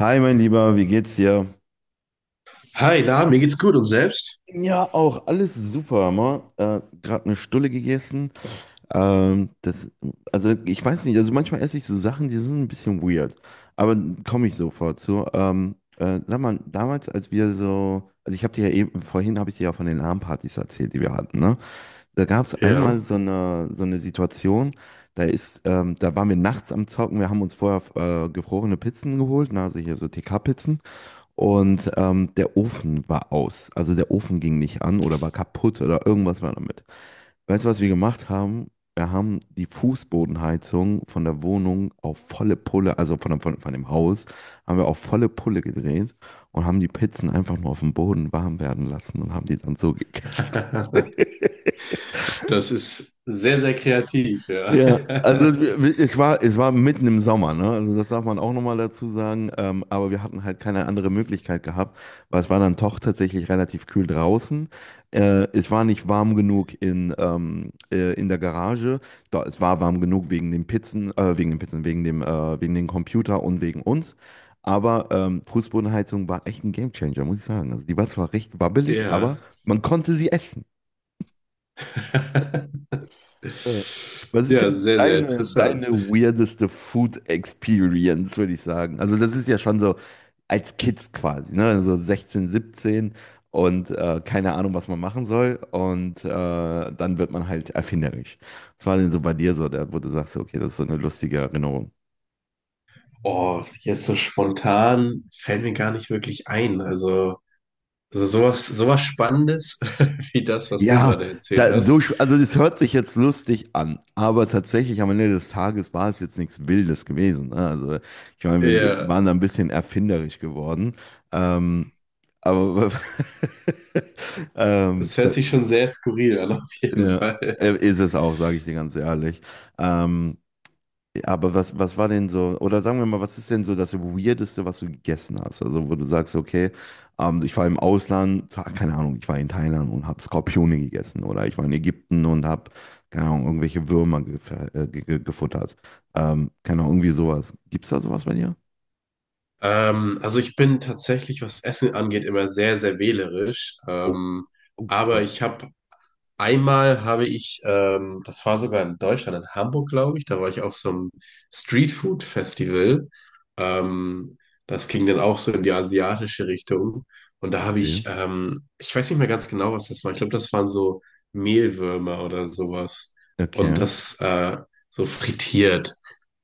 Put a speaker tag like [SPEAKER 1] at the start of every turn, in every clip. [SPEAKER 1] Hi, mein Lieber, wie geht's dir?
[SPEAKER 2] Hi, na, mir geht's gut und selbst?
[SPEAKER 1] Ja, auch alles super, ma. Gerade eine Stulle gegessen. Ähm, das, also ich weiß nicht, also manchmal esse ich so Sachen, die sind ein bisschen weird, aber komme ich sofort zu. Sag mal, damals, als wir so, also ich habe dir ja eben, vorhin habe ich dir ja von den LAN-Partys erzählt, die wir hatten, ne? Da gab es
[SPEAKER 2] Ja,
[SPEAKER 1] einmal so eine Situation, da waren wir nachts am Zocken, wir haben uns vorher gefrorene Pizzen geholt, ne? Also hier so TK-Pizzen. Und der Ofen war aus. Also der Ofen ging nicht an oder war kaputt oder irgendwas war damit. Weißt du, was wir gemacht haben? Wir haben die Fußbodenheizung von der Wohnung auf volle Pulle, also von dem Haus, haben wir auf volle Pulle gedreht und haben die Pizzen einfach nur auf dem Boden warm werden lassen und haben die dann so gegessen.
[SPEAKER 2] das ist sehr, sehr kreativ, ja.
[SPEAKER 1] Ja, also es war mitten im Sommer, ne? Also das darf man auch nochmal dazu sagen. Aber wir hatten halt keine andere Möglichkeit gehabt, weil es war dann doch tatsächlich relativ kühl draußen. Es war nicht warm genug in der Garage. Da, es war warm genug wegen den Pizzen, wegen dem Computer und wegen uns. Aber Fußbodenheizung war echt ein Gamechanger, muss ich sagen. Also die war zwar recht wabbelig,
[SPEAKER 2] Ja.
[SPEAKER 1] aber man konnte sie essen. Äh, Was ist
[SPEAKER 2] Ja,
[SPEAKER 1] denn
[SPEAKER 2] sehr, sehr interessant.
[SPEAKER 1] deine weirdeste Food Experience, würde ich sagen? Also, das ist ja schon so als Kids quasi, ne? So 16, 17 und keine Ahnung, was man machen soll. Und dann wird man halt erfinderisch. Was war denn so bei dir so, da, wo du sagst, okay, das ist so eine lustige Erinnerung?
[SPEAKER 2] Oh, jetzt so spontan fällt mir gar nicht wirklich ein. Also sowas, sowas Spannendes wie das, was du
[SPEAKER 1] Ja,
[SPEAKER 2] gerade erzählt hast.
[SPEAKER 1] also das hört sich jetzt lustig an, aber tatsächlich am Ende des Tages war es jetzt nichts Wildes gewesen. Ne? Also ich meine, wir
[SPEAKER 2] Ja,
[SPEAKER 1] waren da ein bisschen erfinderisch geworden. Ähm, aber ähm,
[SPEAKER 2] es hört sich schon sehr skurril an, auf jeden
[SPEAKER 1] ja,
[SPEAKER 2] Fall.
[SPEAKER 1] ist es auch, sage ich dir ganz ehrlich. Ähm, aber was war denn so, oder sagen wir mal, was ist denn so das Weirdeste, was du gegessen hast? Also, wo du sagst, okay, ich war im Ausland, keine Ahnung, ich war in Thailand und habe Skorpione gegessen oder ich war in Ägypten und habe, keine Ahnung, irgendwelche Würmer gefuttert. Keine Ahnung, irgendwie sowas. Gibt's da sowas bei dir?
[SPEAKER 2] Also ich bin tatsächlich, was Essen angeht, immer sehr, sehr wählerisch.
[SPEAKER 1] Oh, oh,
[SPEAKER 2] Aber ich habe einmal habe ich, das war sogar in Deutschland, in Hamburg, glaube ich, da war ich auf so einem Streetfood-Festival. Ähm, Das ging dann auch so in die asiatische Richtung. Und da habe
[SPEAKER 1] okay.
[SPEAKER 2] ich, ich weiß nicht mehr ganz genau, was das war. Ich glaube, das waren so Mehlwürmer oder sowas. Und
[SPEAKER 1] Okay.
[SPEAKER 2] das so frittiert.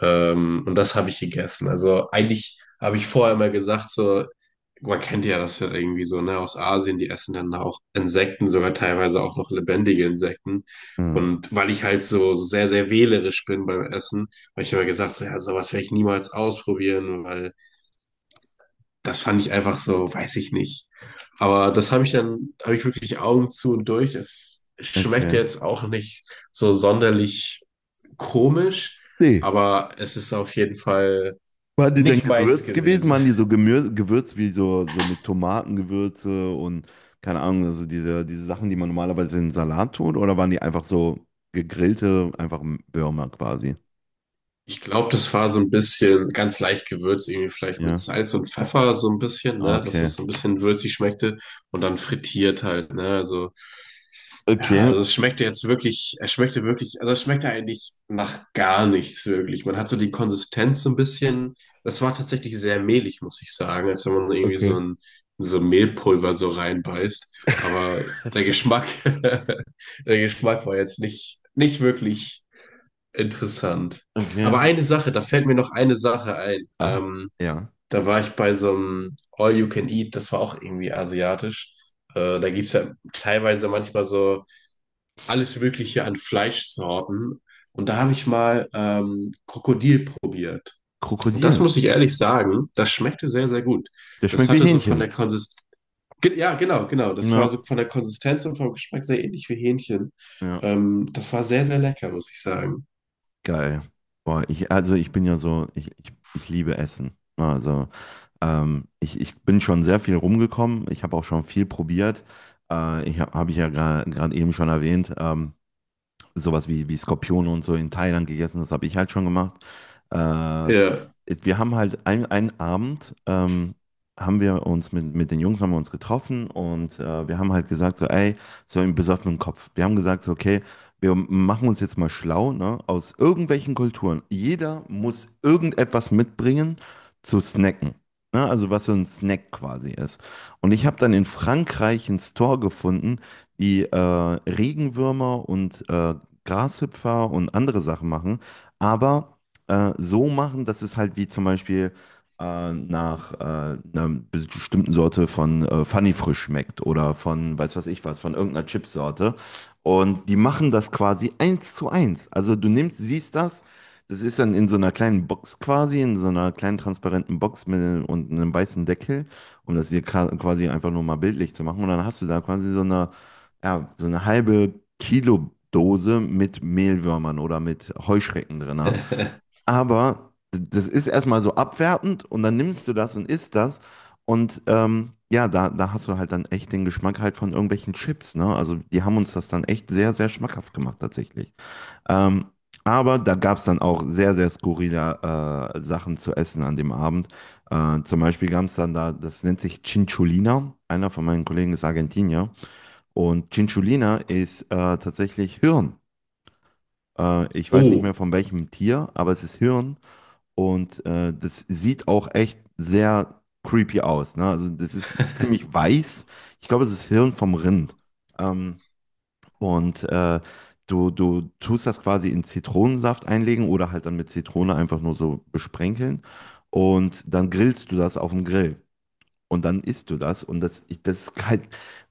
[SPEAKER 2] Und das habe ich gegessen. Also eigentlich habe ich vorher mal gesagt, so, man kennt ja das ja irgendwie so, ne, aus Asien, die essen dann auch Insekten, sogar teilweise auch noch lebendige Insekten.
[SPEAKER 1] Ja,
[SPEAKER 2] Und weil ich halt so sehr, sehr wählerisch bin beim Essen, habe ich immer gesagt, so, ja, sowas werde ich niemals ausprobieren, weil das fand ich einfach so, weiß ich nicht. Aber das habe ich dann, habe ich wirklich Augen zu und durch. Es schmeckt
[SPEAKER 1] okay.
[SPEAKER 2] jetzt auch nicht so sonderlich komisch,
[SPEAKER 1] Nee.
[SPEAKER 2] aber es ist auf jeden Fall
[SPEAKER 1] Waren die denn
[SPEAKER 2] nicht meins
[SPEAKER 1] gewürzt gewesen?
[SPEAKER 2] gewesen.
[SPEAKER 1] Waren die so gemür gewürzt wie so, so mit Tomatengewürze und keine Ahnung, also diese Sachen, die man normalerweise in Salat tut? Oder waren die einfach so gegrillte, einfach Würmer quasi?
[SPEAKER 2] Ich glaube, das war so ein bisschen ganz leicht gewürzt, irgendwie vielleicht mit
[SPEAKER 1] Ja.
[SPEAKER 2] Salz und Pfeffer so ein bisschen, ne, dass es
[SPEAKER 1] Okay.
[SPEAKER 2] so ein bisschen würzig schmeckte und dann frittiert halt, ne, also ja,
[SPEAKER 1] Okay.
[SPEAKER 2] also es schmeckte jetzt wirklich, es schmeckte wirklich, also es schmeckte eigentlich nach gar nichts wirklich. Man hat so die Konsistenz so ein bisschen, das war tatsächlich sehr mehlig, muss ich sagen, als wenn man irgendwie
[SPEAKER 1] Okay.
[SPEAKER 2] so ein so Mehlpulver so reinbeißt, aber der Geschmack der Geschmack war jetzt nicht wirklich interessant. Aber
[SPEAKER 1] Okay.
[SPEAKER 2] eine Sache, da fällt mir noch eine Sache ein.
[SPEAKER 1] Ah, ja.
[SPEAKER 2] Da war ich bei so einem All You Can Eat, das war auch irgendwie asiatisch. Da gibt es ja teilweise manchmal so alles Mögliche an Fleischsorten. Und da habe ich mal Krokodil probiert. Und das
[SPEAKER 1] Krokodil.
[SPEAKER 2] muss ich ehrlich sagen, das schmeckte sehr, sehr gut.
[SPEAKER 1] Der
[SPEAKER 2] Das
[SPEAKER 1] schmeckt wie
[SPEAKER 2] hatte so von
[SPEAKER 1] Hähnchen.
[SPEAKER 2] der Konsistenz, ja, genau, genau. Das war so
[SPEAKER 1] Ja.
[SPEAKER 2] von der Konsistenz und vom Geschmack sehr ähnlich wie Hähnchen.
[SPEAKER 1] Ja.
[SPEAKER 2] Das war sehr, sehr lecker, muss ich sagen.
[SPEAKER 1] Geil. Boah, ich, also ich bin ja so, ich liebe Essen. Also. Ich ich bin schon sehr viel rumgekommen. Ich habe auch schon viel probiert. Ich habe hab hab ich ja gerade eben schon erwähnt. Sowas wie Skorpione und so in Thailand gegessen. Das habe ich halt schon gemacht. Äh,
[SPEAKER 2] Ja.
[SPEAKER 1] Wir haben halt einen Abend, haben wir uns mit den Jungs haben wir uns getroffen und wir haben halt gesagt so, ey, so im besoffenen Kopf. Wir haben gesagt so, okay, wir machen uns jetzt mal schlau, ne, aus irgendwelchen Kulturen. Jeder muss irgendetwas mitbringen zu snacken. Ne, also was so ein Snack quasi ist. Und ich habe dann in Frankreich einen Store gefunden, die Regenwürmer und Grashüpfer und andere Sachen machen, aber so machen, dass es halt wie zum Beispiel nach einer bestimmten Sorte von Funny-Frisch schmeckt oder von weiß was ich was, von irgendeiner Chipsorte. Und die machen das quasi eins zu eins. Also du nimmst, siehst das. Das ist dann in so einer kleinen Box quasi, in so einer kleinen transparenten Box mit und einem weißen Deckel, um das hier quasi einfach nur mal bildlich zu machen. Und dann hast du da quasi so eine ja, so eine halbe Kilo Dose mit Mehlwürmern oder mit Heuschrecken drin. Ne? Aber das ist erstmal so abwertend und dann nimmst du das und isst das. Und ja, da hast du halt dann echt den Geschmack halt von irgendwelchen Chips, ne? Also die haben uns das dann echt sehr, sehr schmackhaft gemacht tatsächlich. Ähm, aber da gab es dann auch sehr, sehr skurrile Sachen zu essen an dem Abend. Zum Beispiel gab es dann da, das nennt sich Chinchulina. Einer von meinen Kollegen ist Argentinier. Und Chinchulina ist tatsächlich Hirn. Ich weiß nicht mehr
[SPEAKER 2] Oh.
[SPEAKER 1] von welchem Tier, aber es ist Hirn. Und das sieht auch echt sehr creepy aus. Ne? Also das ist ziemlich weiß. Ich glaube, es ist Hirn vom Rind. Ähm, und äh, du du, tust das quasi in Zitronensaft einlegen oder halt dann mit Zitrone einfach nur so besprenkeln. Und dann grillst du das auf dem Grill. Und dann isst du das. Und das ist halt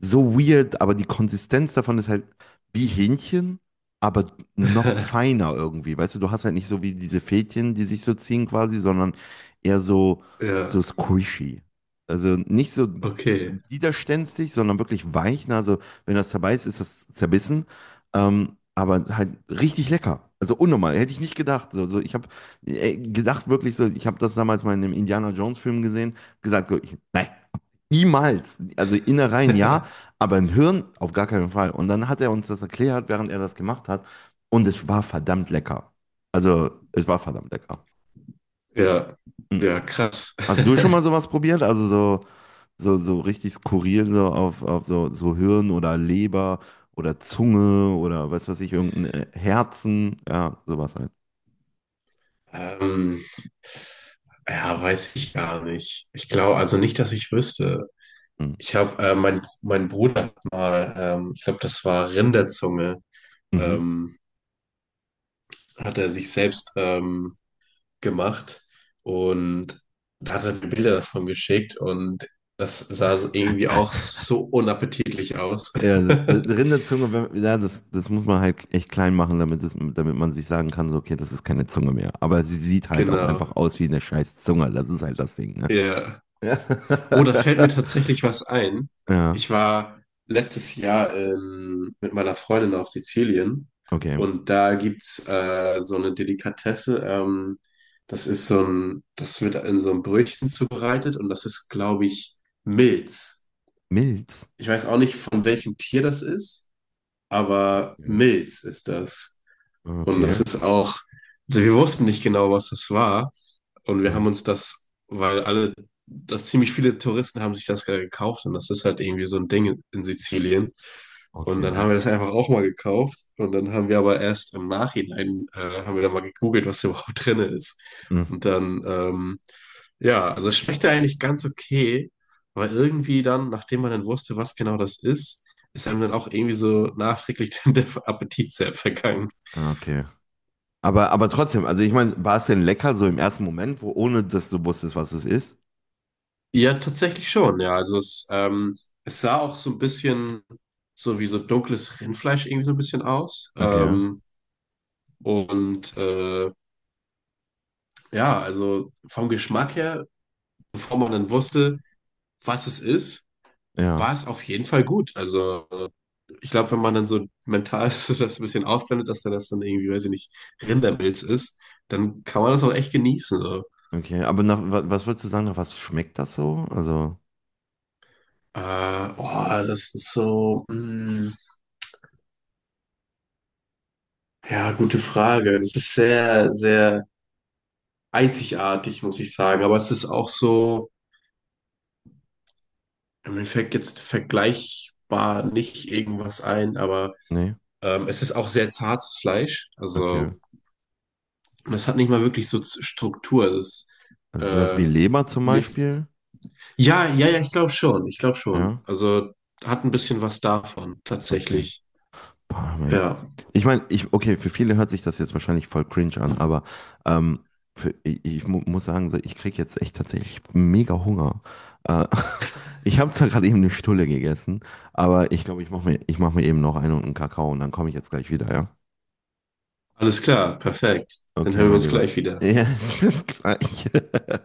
[SPEAKER 1] so weird, aber die Konsistenz davon ist halt wie Hähnchen, aber noch feiner irgendwie. Weißt du, du hast halt nicht so wie diese Fädchen, die sich so ziehen quasi, sondern eher so,
[SPEAKER 2] Ja,
[SPEAKER 1] so squishy. Also nicht so
[SPEAKER 2] okay.
[SPEAKER 1] widerständig, sondern wirklich weich. Na, also wenn das zerbeißt, ist das zerbissen. Aber halt richtig lecker. Also unnormal, hätte ich nicht gedacht. Also ich habe gedacht wirklich so, ich habe das damals mal in einem Indiana Jones Film gesehen, gesagt so, ich, nein, niemals. Also Innereien ja, aber ein Hirn auf gar keinen Fall. Und dann hat er uns das erklärt, während er das gemacht hat. Und es war verdammt lecker. Also, es war verdammt lecker.
[SPEAKER 2] Ja,
[SPEAKER 1] Hm.
[SPEAKER 2] ja, krass.
[SPEAKER 1] Hast du schon mal sowas probiert? Also so, so, so richtig skurril, so auf so, so Hirn oder Leber oder Zunge oder was weiß ich, irgendein Herzen, ja, sowas halt.
[SPEAKER 2] Ähm, ja, weiß ich gar nicht. Ich glaube, also nicht, dass ich wüsste.
[SPEAKER 1] Hm.
[SPEAKER 2] Ich habe, mein Bruder hat mal, ich glaube, das war Rinderzunge,
[SPEAKER 1] Mhm.
[SPEAKER 2] ähm, hat er sich selbst gemacht und da hat er mir Bilder davon geschickt und das sah so irgendwie auch so unappetitlich aus.
[SPEAKER 1] Rinderzunge, wenn, ja, das muss man halt echt klein machen, damit, es, damit man sich sagen kann, so, okay, das ist keine Zunge mehr. Aber sie sieht halt auch
[SPEAKER 2] Genau.
[SPEAKER 1] einfach aus wie eine scheiß Zunge. Das ist halt das Ding, ne?
[SPEAKER 2] Ja.
[SPEAKER 1] Ja,
[SPEAKER 2] Oh, da fällt mir tatsächlich was ein. Ich
[SPEAKER 1] ja,
[SPEAKER 2] war letztes Jahr mit meiner Freundin auf Sizilien
[SPEAKER 1] okay.
[SPEAKER 2] und da gibt's so eine Delikatesse. Das ist so ein, das wird in so einem Brötchen zubereitet und das ist, glaube ich, Milz.
[SPEAKER 1] Mild.
[SPEAKER 2] Ich weiß auch nicht, von welchem Tier das ist, aber
[SPEAKER 1] Okay.
[SPEAKER 2] Milz ist das. Und das
[SPEAKER 1] Okay.
[SPEAKER 2] ist auch, also wir wussten nicht genau, was das war. Und wir haben
[SPEAKER 1] Ja.
[SPEAKER 2] uns das, weil alle, dass ziemlich viele Touristen haben sich das gerade gekauft. Und das ist halt irgendwie so ein Ding in Sizilien. Und dann
[SPEAKER 1] Okay.
[SPEAKER 2] haben wir das einfach auch mal gekauft. Und dann haben wir aber erst im Nachhinein, haben wir dann mal gegoogelt, was da überhaupt drin ist.
[SPEAKER 1] Hm,
[SPEAKER 2] Und dann, ja, also es schmeckte eigentlich ganz okay. Aber irgendwie dann, nachdem man dann wusste, was genau das ist, ist einem dann auch irgendwie so nachträglich der Appetit sehr vergangen.
[SPEAKER 1] ja, okay. Aber trotzdem, also ich meine, war es denn lecker so im ersten Moment, wo, ohne dass du wusstest, was es ist?
[SPEAKER 2] Ja, tatsächlich schon, ja. Also es, es sah auch so ein bisschen so wie so dunkles Rindfleisch irgendwie so ein bisschen aus.
[SPEAKER 1] Okay.
[SPEAKER 2] Und ja, also vom Geschmack her, bevor man dann wusste, was es ist,
[SPEAKER 1] Ja.
[SPEAKER 2] war es auf jeden Fall gut. Also ich glaube, wenn man dann so mental so das ein bisschen ausblendet, dass dann das dann irgendwie, weiß ich nicht, Rindermilz ist, dann kann man das auch echt genießen. So.
[SPEAKER 1] Okay. Aber nach, was würdest du sagen, nach was schmeckt das so? Also,
[SPEAKER 2] Äh, oh, das ist so, mh, ja, gute Frage. Das ist sehr, sehr einzigartig, muss ich sagen. Aber es ist auch so, mir fällt jetzt vergleichbar nicht irgendwas ein, aber
[SPEAKER 1] nee.
[SPEAKER 2] es ist auch sehr zartes Fleisch.
[SPEAKER 1] Okay.
[SPEAKER 2] Also es hat nicht mal wirklich so Z- Struktur. Das
[SPEAKER 1] Also sowas
[SPEAKER 2] äh,
[SPEAKER 1] wie Leber zum
[SPEAKER 2] nicht.
[SPEAKER 1] Beispiel.
[SPEAKER 2] Ja, ja, ja, ich glaube schon. Ich glaube schon.
[SPEAKER 1] Ja,
[SPEAKER 2] Also hat ein bisschen was davon,
[SPEAKER 1] okay.
[SPEAKER 2] tatsächlich.
[SPEAKER 1] Parma-
[SPEAKER 2] Ja,
[SPEAKER 1] Ich meine, okay, für viele hört sich das jetzt wahrscheinlich voll cringe an, aber ähm, für, ich mu muss sagen, so, ich kriege jetzt echt tatsächlich mega Hunger. Äh, ich habe zwar gerade eben eine Stulle gegessen, aber ich glaube, ich mach mir eben noch eine und einen Kakao und dann komme ich jetzt gleich wieder, ja?
[SPEAKER 2] alles klar, perfekt. Dann
[SPEAKER 1] Okay,
[SPEAKER 2] hören wir
[SPEAKER 1] mein
[SPEAKER 2] uns
[SPEAKER 1] Lieber.
[SPEAKER 2] gleich wieder.
[SPEAKER 1] Ja, es ist das Gleiche.